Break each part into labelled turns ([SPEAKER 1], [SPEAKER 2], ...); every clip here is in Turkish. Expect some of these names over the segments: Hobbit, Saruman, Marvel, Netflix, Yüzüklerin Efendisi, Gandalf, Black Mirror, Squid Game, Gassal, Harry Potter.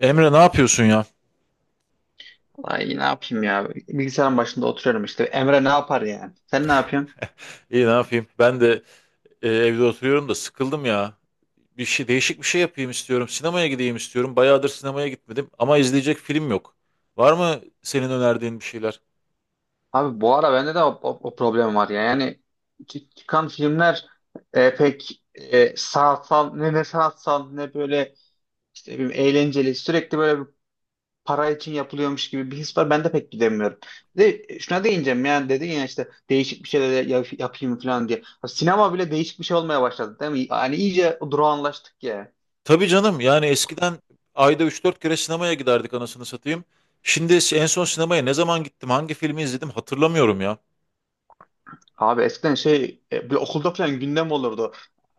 [SPEAKER 1] Emre ne yapıyorsun ya?
[SPEAKER 2] Ay ne yapayım ya? Bilgisayarın başında oturuyorum işte. Emre ne yapar yani? Sen ne yapıyorsun?
[SPEAKER 1] İyi ne yapayım? Ben de evde oturuyorum da sıkıldım ya. Bir şey değişik bir şey yapayım istiyorum. Sinemaya gideyim istiyorum. Bayağıdır sinemaya gitmedim ama izleyecek film yok. Var mı senin önerdiğin bir şeyler?
[SPEAKER 2] Abi bu ara bende de o problem var ya. Yani çıkan filmler pek sanatsal ne sanatsal ne böyle işte bir eğlenceli, sürekli böyle bir para için yapılıyormuş gibi bir his var. Ben de pek gidemiyorum. Şuna değineceğim, yani dedin ya işte değişik bir şeyler yapayım falan diye. Abi sinema bile değişik bir şey olmaya başladı, değil mi? Yani iyice durağanlaştık ya.
[SPEAKER 1] Tabii canım. Yani eskiden ayda üç dört kere sinemaya giderdik anasını satayım. Şimdi en son sinemaya ne zaman gittim, hangi filmi izledim hatırlamıyorum ya.
[SPEAKER 2] Abi eskiden şey, bir okulda falan gündem olurdu.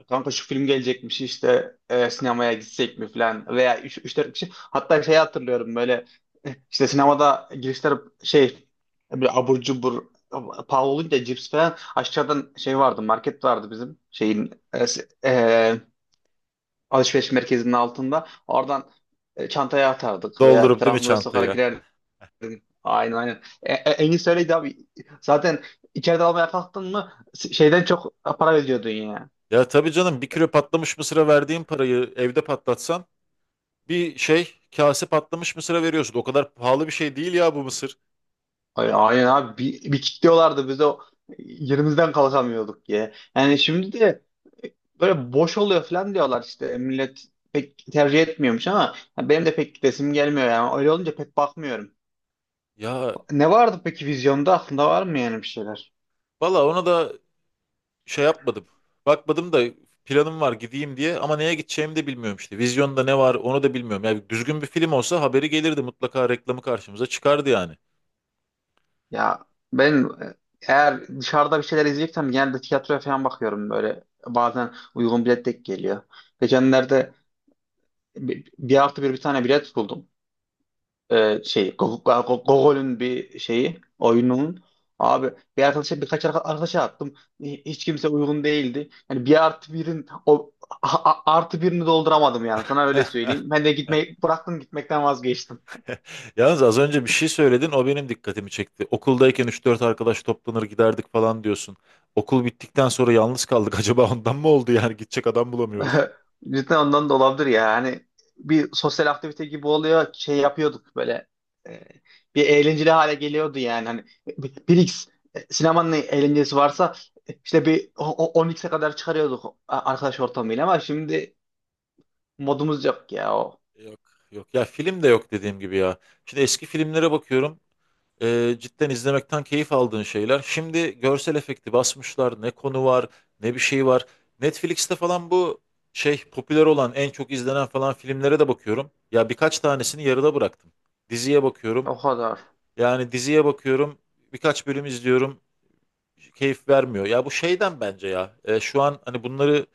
[SPEAKER 2] Kanka, şu film gelecekmiş işte, sinemaya gitsek mi falan veya 3-4 kişi. Hatta şey, hatırlıyorum böyle, işte sinemada girişler şey, bir abur cubur pahalı olunca, cips falan aşağıdan şey vardı, market vardı bizim şeyin, alışveriş merkezinin altında. Oradan çantaya atardık veya bir
[SPEAKER 1] Doldurup değil mi
[SPEAKER 2] tarafımıza sokarak
[SPEAKER 1] çantaya?
[SPEAKER 2] girerdik. Aynen, aynen. En iyisi öyleydi abi. Zaten içeride almaya kalktın mı şeyden çok para veriyordun ya.
[SPEAKER 1] Ya tabii canım bir kilo patlamış mısıra verdiğin parayı evde patlatsan. Bir şey kase patlamış mısıra veriyorsun. O kadar pahalı bir şey değil ya bu mısır.
[SPEAKER 2] Aynen abi, bir kilitliyorlardı bize, yerimizden kalkamıyorduk ya. Yani şimdi de e, böyle boş oluyor falan diyorlar, işte millet pek tercih etmiyormuş, ama benim de pek gidesim gelmiyor, yani öyle olunca pek bakmıyorum.
[SPEAKER 1] Ya
[SPEAKER 2] Ne vardı peki vizyonda, aklında var mı yani bir şeyler?
[SPEAKER 1] valla ona da şey yapmadım. Bakmadım da planım var gideyim diye ama neye gideceğimi de bilmiyorum işte. Vizyonda ne var onu da bilmiyorum. Yani düzgün bir film olsa haberi gelirdi mutlaka reklamı karşımıza çıkardı yani.
[SPEAKER 2] Ya ben eğer dışarıda bir şeyler izleyeceksem genelde tiyatroya falan bakıyorum, böyle bazen uygun bilet denk geliyor. Geçenlerde bir artı bir bir tane bilet buldum. Şey, Gogol'ün bir şeyi, oyunun. Abi bir arkadaşa, birkaç arkadaşa attım. Hiç kimse uygun değildi, yani bir artı birin o artı birini dolduramadım, yani sana öyle söyleyeyim, ben de gitmeyi bıraktım, gitmekten vazgeçtim.
[SPEAKER 1] Yalnız az önce bir şey söyledin, o benim dikkatimi çekti. Okuldayken üç dört arkadaş toplanır giderdik falan diyorsun. Okul bittikten sonra yalnız kaldık. Acaba ondan mı oldu yani, gidecek adam bulamıyoruz.
[SPEAKER 2] Cidden ondan da olabilir ya. Hani bir sosyal aktivite gibi oluyor. Şey yapıyorduk böyle. e, Bir eğlenceli hale geliyordu yani. Hani bir X, sinemanın eğlencesi varsa işte bir 10x'e kadar çıkarıyorduk arkadaş ortamıyla, ama şimdi modumuz yok ya o.
[SPEAKER 1] Yok, yok ya, film de yok dediğim gibi ya. Şimdi eski filmlere bakıyorum. Cidden izlemekten keyif aldığın şeyler. Şimdi görsel efekti basmışlar. Ne konu var, ne bir şey var. Netflix'te falan bu şey popüler olan, en çok izlenen falan filmlere de bakıyorum. Ya birkaç tanesini yarıda bıraktım. Diziye bakıyorum.
[SPEAKER 2] O kadar.
[SPEAKER 1] Yani diziye bakıyorum. Birkaç bölüm izliyorum. Keyif vermiyor. Ya bu şeyden bence ya. Şu an hani bunları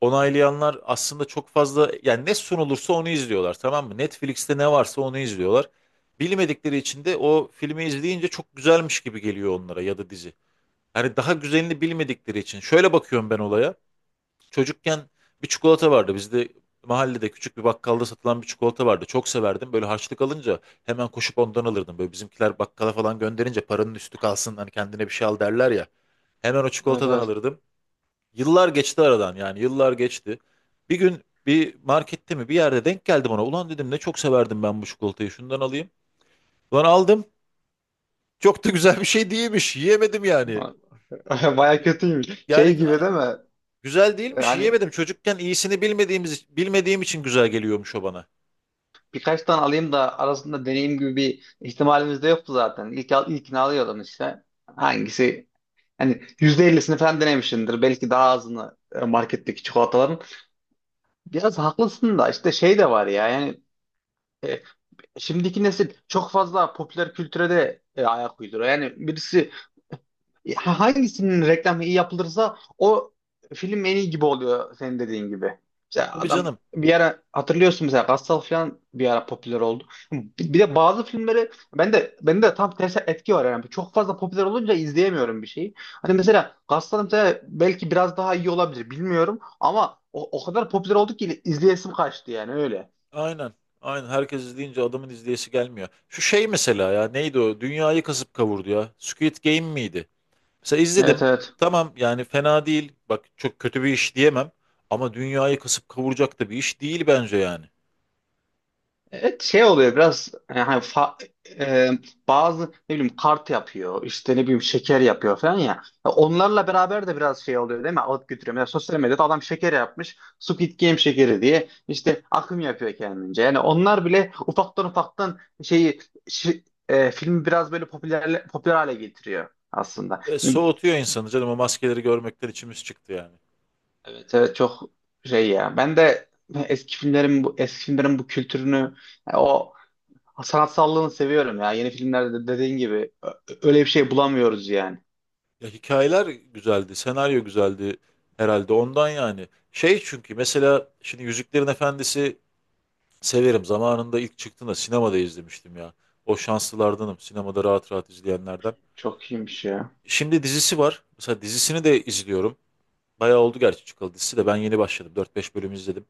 [SPEAKER 1] onaylayanlar aslında çok fazla, yani ne sunulursa onu izliyorlar tamam mı? Netflix'te ne varsa onu izliyorlar. Bilmedikleri için de o filmi izleyince çok güzelmiş gibi geliyor onlara ya da dizi. Hani daha güzelini bilmedikleri için. Şöyle bakıyorum ben olaya. Çocukken bir çikolata vardı. Bizde mahallede küçük bir bakkalda satılan bir çikolata vardı. Çok severdim. Böyle harçlık alınca hemen koşup ondan alırdım. Böyle bizimkiler bakkala falan gönderince paranın üstü kalsın hani kendine bir şey al derler ya. Hemen o
[SPEAKER 2] Evet,
[SPEAKER 1] çikolatadan
[SPEAKER 2] evet.
[SPEAKER 1] alırdım. Yıllar geçti aradan, yani yıllar geçti. Bir gün bir markette mi bir yerde denk geldim ona. Ulan dedim ne çok severdim ben bu çikolatayı, şundan alayım. Ulan aldım. Çok da güzel bir şey değilmiş. Yiyemedim yani.
[SPEAKER 2] Baya kötüymüş.
[SPEAKER 1] Yani
[SPEAKER 2] Şey gibi değil mi? Yani
[SPEAKER 1] güzel değilmiş, yiyemedim. Çocukken iyisini bilmediğim için güzel geliyormuş o bana.
[SPEAKER 2] birkaç tane alayım da arasında deneyim gibi bir ihtimalimiz de yoktu zaten. İlkini alıyordum işte. Hangisi Hani %50'sini falan denemişsindir. Belki daha azını, marketteki çikolataların. Biraz haklısın da, işte şey de var ya yani, e, şimdiki nesil çok fazla popüler kültüre de ayak uyduruyor. Yani birisi hangisinin reklamı iyi yapılırsa o film en iyi gibi oluyor, senin dediğin gibi. İşte
[SPEAKER 1] Tabii
[SPEAKER 2] adam,
[SPEAKER 1] canım.
[SPEAKER 2] bir ara hatırlıyorsun, mesela Gassal falan bir ara popüler oldu. Bir de bazı filmleri, ben de tam tersi etki var yani. Çok fazla popüler olunca izleyemiyorum bir şeyi. Hani mesela Gassal, mesela belki biraz daha iyi olabilir bilmiyorum, ama o kadar popüler oldu ki izleyesim kaçtı yani, öyle.
[SPEAKER 1] Aynen. Aynen. Herkes izleyince adamın izleyesi gelmiyor. Şu şey mesela, ya neydi o? Dünyayı kasıp kavurdu ya. Squid Game miydi? Mesela
[SPEAKER 2] Evet,
[SPEAKER 1] izledim.
[SPEAKER 2] evet.
[SPEAKER 1] Tamam yani, fena değil. Bak, çok kötü bir iş diyemem. Ama dünyayı kasıp kavuracak da bir iş değil bence yani.
[SPEAKER 2] Evet, şey oluyor biraz yani, hani e, bazı ne bileyim kart yapıyor işte, ne bileyim şeker yapıyor falan ya. Ya, onlarla beraber de biraz şey oluyor değil mi? Alıp götürüyor. Mesela sosyal medyada adam şeker yapmış, Squid Game şekeri diye, işte akım yapıyor kendince. Yani onlar bile ufaktan ufaktan şeyi, filmi biraz böyle popüler popüler hale getiriyor aslında.
[SPEAKER 1] E,
[SPEAKER 2] Yani,
[SPEAKER 1] soğutuyor insanı canım, o maskeleri görmekten içimiz çıktı yani.
[SPEAKER 2] evet, evet, çok şey ya. Ben de eski filmlerin bu kültürünü, o sanatsallığını seviyorum ya. Yeni filmlerde de dediğin gibi öyle bir şey bulamıyoruz yani.
[SPEAKER 1] Ya, hikayeler güzeldi, senaryo güzeldi, herhalde ondan yani. Şey çünkü mesela şimdi Yüzüklerin Efendisi, severim. Zamanında ilk çıktığında sinemada izlemiştim ya. O şanslılardanım, sinemada rahat rahat izleyenlerden.
[SPEAKER 2] Çok iyiymiş ya.
[SPEAKER 1] Şimdi dizisi var. Mesela dizisini de izliyorum. Bayağı oldu gerçi çıkalı, dizisi de ben yeni başladım. Dört beş bölüm izledim.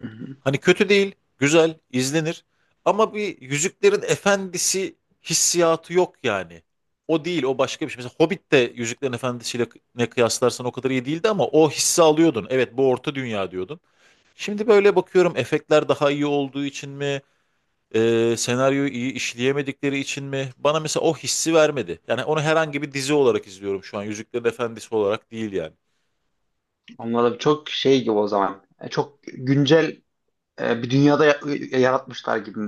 [SPEAKER 2] Hı hı.
[SPEAKER 1] Hani kötü değil, güzel, izlenir. Ama bir Yüzüklerin Efendisi hissiyatı yok yani. O değil, o başka bir şey. Mesela Hobbit de Yüzüklerin Efendisi'yle ne kıyaslarsan o kadar iyi değildi ama o hissi alıyordun. Evet, bu orta dünya diyordun. Şimdi böyle bakıyorum, efektler daha iyi olduğu için mi, senaryoyu iyi işleyemedikleri için mi? Bana mesela o hissi vermedi. Yani onu herhangi bir dizi olarak izliyorum şu an. Yüzüklerin Efendisi olarak değil yani.
[SPEAKER 2] Onlar da çok şey gibi o zaman. Çok güncel bir dünyada yaratmışlar gibi.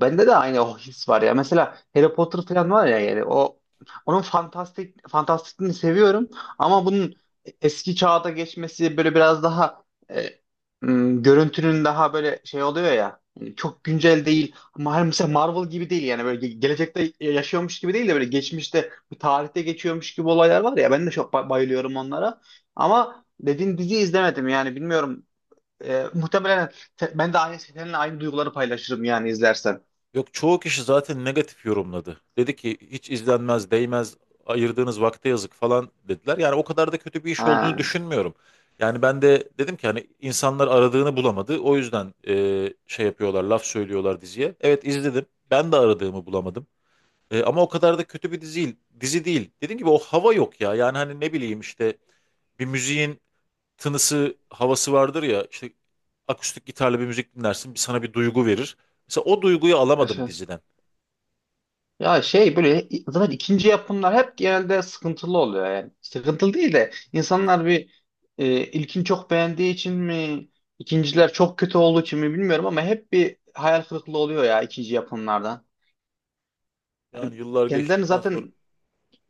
[SPEAKER 2] Bende de aynı o his var ya. Mesela Harry Potter falan var ya, yani onun fantastikliğini seviyorum, ama bunun eski çağda geçmesi böyle biraz daha, e, görüntünün daha böyle şey oluyor ya. Yani çok güncel değil. Ama mesela Marvel gibi değil yani, böyle gelecekte yaşıyormuş gibi değil de, böyle geçmişte bir tarihte geçiyormuş gibi olaylar var ya, ben de çok bayılıyorum onlara. Ama dediğin diziyi izlemedim, yani bilmiyorum. Muhtemelen ben de seninle aynı duyguları paylaşırım yani, izlersen.
[SPEAKER 1] Yok, çoğu kişi zaten negatif yorumladı. Dedi ki hiç izlenmez, değmez, ayırdığınız vakte yazık falan dediler. Yani o kadar da kötü bir iş olduğunu
[SPEAKER 2] Ha,
[SPEAKER 1] düşünmüyorum. Yani ben de dedim ki hani insanlar aradığını bulamadı. O yüzden şey yapıyorlar, laf söylüyorlar diziye. Evet, izledim. Ben de aradığımı bulamadım. Ama o kadar da kötü bir dizi değil. Dizi değil. Dediğim gibi o hava yok ya. Yani hani ne bileyim işte, bir müziğin tınısı, havası vardır ya. İşte akustik gitarla bir müzik dinlersin, sana bir duygu verir. Mesela o duyguyu
[SPEAKER 2] evet.
[SPEAKER 1] alamadım
[SPEAKER 2] Evet.
[SPEAKER 1] diziden.
[SPEAKER 2] Ya şey, böyle zaten ikinci yapımlar hep genelde sıkıntılı oluyor yani. Sıkıntılı değil de, insanlar bir ilkini çok beğendiği için mi, ikinciler çok kötü olduğu için mi bilmiyorum, ama hep bir hayal kırıklığı oluyor ya ikinci yapımlardan.
[SPEAKER 1] Yani
[SPEAKER 2] Yani
[SPEAKER 1] yıllar
[SPEAKER 2] kendilerini
[SPEAKER 1] geçtikten sonra
[SPEAKER 2] zaten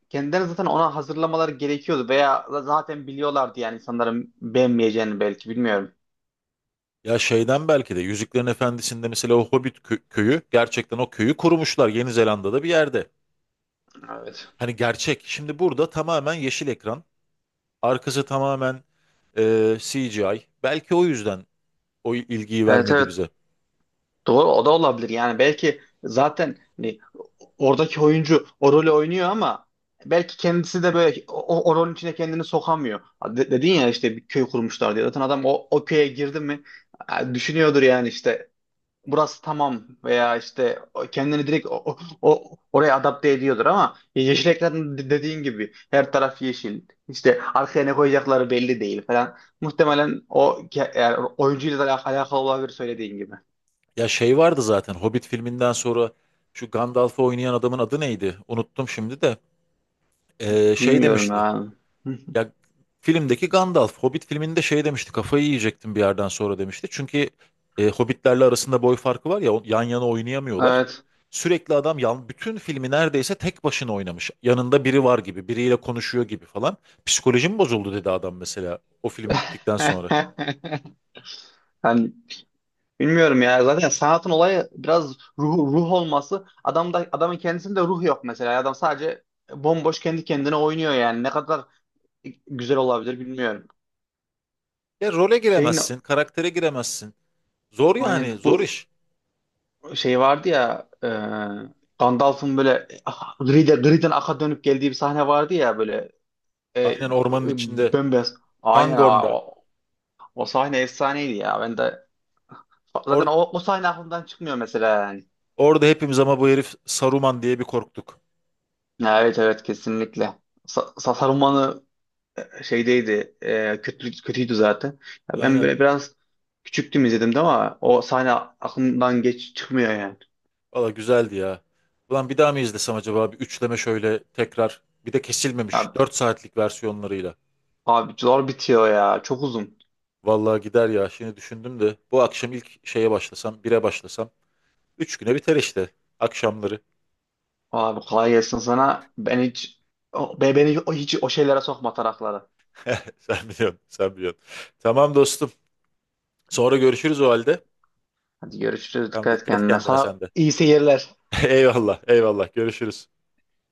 [SPEAKER 2] kendilerini zaten ona hazırlamaları gerekiyordu, veya zaten biliyorlardı yani insanların beğenmeyeceğini, belki, bilmiyorum.
[SPEAKER 1] ya şeyden belki de Yüzüklerin Efendisi'nde mesela o Hobbit köyü gerçekten o köyü kurmuşlar Yeni Zelanda'da bir yerde.
[SPEAKER 2] Evet.
[SPEAKER 1] Hani gerçek. Şimdi burada tamamen yeşil ekran. Arkası tamamen CGI. Belki o yüzden o ilgiyi
[SPEAKER 2] Evet,
[SPEAKER 1] vermedi
[SPEAKER 2] evet.
[SPEAKER 1] bize.
[SPEAKER 2] Doğru, o da olabilir. Yani belki zaten, hani oradaki oyuncu o rolü oynuyor, ama belki kendisi de böyle o rolün içine kendini sokamıyor. Dedin ya işte bir köy kurmuşlar diye. Zaten adam o köye girdi mi düşünüyordur yani, işte burası tamam, veya işte kendini direkt oraya adapte ediyordur, ama yeşil ekran, dediğin gibi her taraf yeşil. İşte arkaya ne koyacakları belli değil falan. Muhtemelen yani oyuncuyla da alakalı olabilir, söylediğin gibi.
[SPEAKER 1] Ya şey vardı zaten Hobbit filminden sonra, şu Gandalf'ı oynayan adamın adı neydi? Unuttum şimdi de. Şey
[SPEAKER 2] Bilmiyorum
[SPEAKER 1] demişti.
[SPEAKER 2] ya.
[SPEAKER 1] Ya, filmdeki Gandalf, Hobbit filminde şey demişti, kafayı yiyecektim bir yerden sonra demişti. Çünkü Hobbitlerle arasında boy farkı var ya, yan yana oynayamıyorlar.
[SPEAKER 2] Evet.
[SPEAKER 1] Sürekli adam yan, bütün filmi neredeyse tek başına oynamış. Yanında biri var gibi, biriyle konuşuyor gibi falan. Psikolojim bozuldu dedi adam mesela, o film bittikten sonra.
[SPEAKER 2] Yani bilmiyorum ya. Zaten sanatın olayı biraz ruh olması. Adamın kendisinde ruh yok mesela. Adam sadece bomboş kendi kendine oynuyor yani. Ne kadar güzel olabilir bilmiyorum.
[SPEAKER 1] Ya role
[SPEAKER 2] Şeyin
[SPEAKER 1] giremezsin, karaktere giremezsin. Zor
[SPEAKER 2] aynen
[SPEAKER 1] yani, zor
[SPEAKER 2] bu
[SPEAKER 1] iş.
[SPEAKER 2] şey vardı ya, Gandalf'ın böyle, griden aka dönüp geldiği bir sahne vardı ya böyle, e, e,
[SPEAKER 1] Aynen, ormanın içinde,
[SPEAKER 2] bembeyaz. Aynen abi,
[SPEAKER 1] Fangorn'da.
[SPEAKER 2] o sahne efsaneydi ya. Ben de, zaten
[SPEAKER 1] Or-
[SPEAKER 2] o sahne aklımdan çıkmıyor mesela yani.
[SPEAKER 1] orada hepimiz ama bu herif Saruman diye bir korktuk.
[SPEAKER 2] Ya, evet, evet, kesinlikle. Saruman'ı şeydeydi. Kötüydü zaten. Ya ben
[SPEAKER 1] Aynen.
[SPEAKER 2] böyle biraz küçüktüm, izledim de, ama o sahne aklımdan geç çıkmıyor yani.
[SPEAKER 1] Valla güzeldi ya. Ulan bir daha mı izlesem acaba? Bir üçleme şöyle, tekrar. Bir de kesilmemiş
[SPEAKER 2] Ya,
[SPEAKER 1] 4 saatlik versiyonlarıyla.
[SPEAKER 2] abi zor bitiyor ya. Çok uzun.
[SPEAKER 1] Valla gider ya. Şimdi düşündüm de bu akşam ilk şeye başlasam, bire başlasam 3 güne biter işte. Akşamları.
[SPEAKER 2] Abi kolay gelsin sana. Ben hiç beni hiç o şeylere sokma, taraklara.
[SPEAKER 1] Sen biliyorsun, sen biliyorsun. Tamam dostum. Sonra görüşürüz o halde.
[SPEAKER 2] Hadi görüşürüz.
[SPEAKER 1] Tamam,
[SPEAKER 2] Dikkat et
[SPEAKER 1] dikkat et
[SPEAKER 2] kendine.
[SPEAKER 1] kendine sen
[SPEAKER 2] Sana
[SPEAKER 1] de.
[SPEAKER 2] iyi seyirler.
[SPEAKER 1] Eyvallah, eyvallah. Görüşürüz.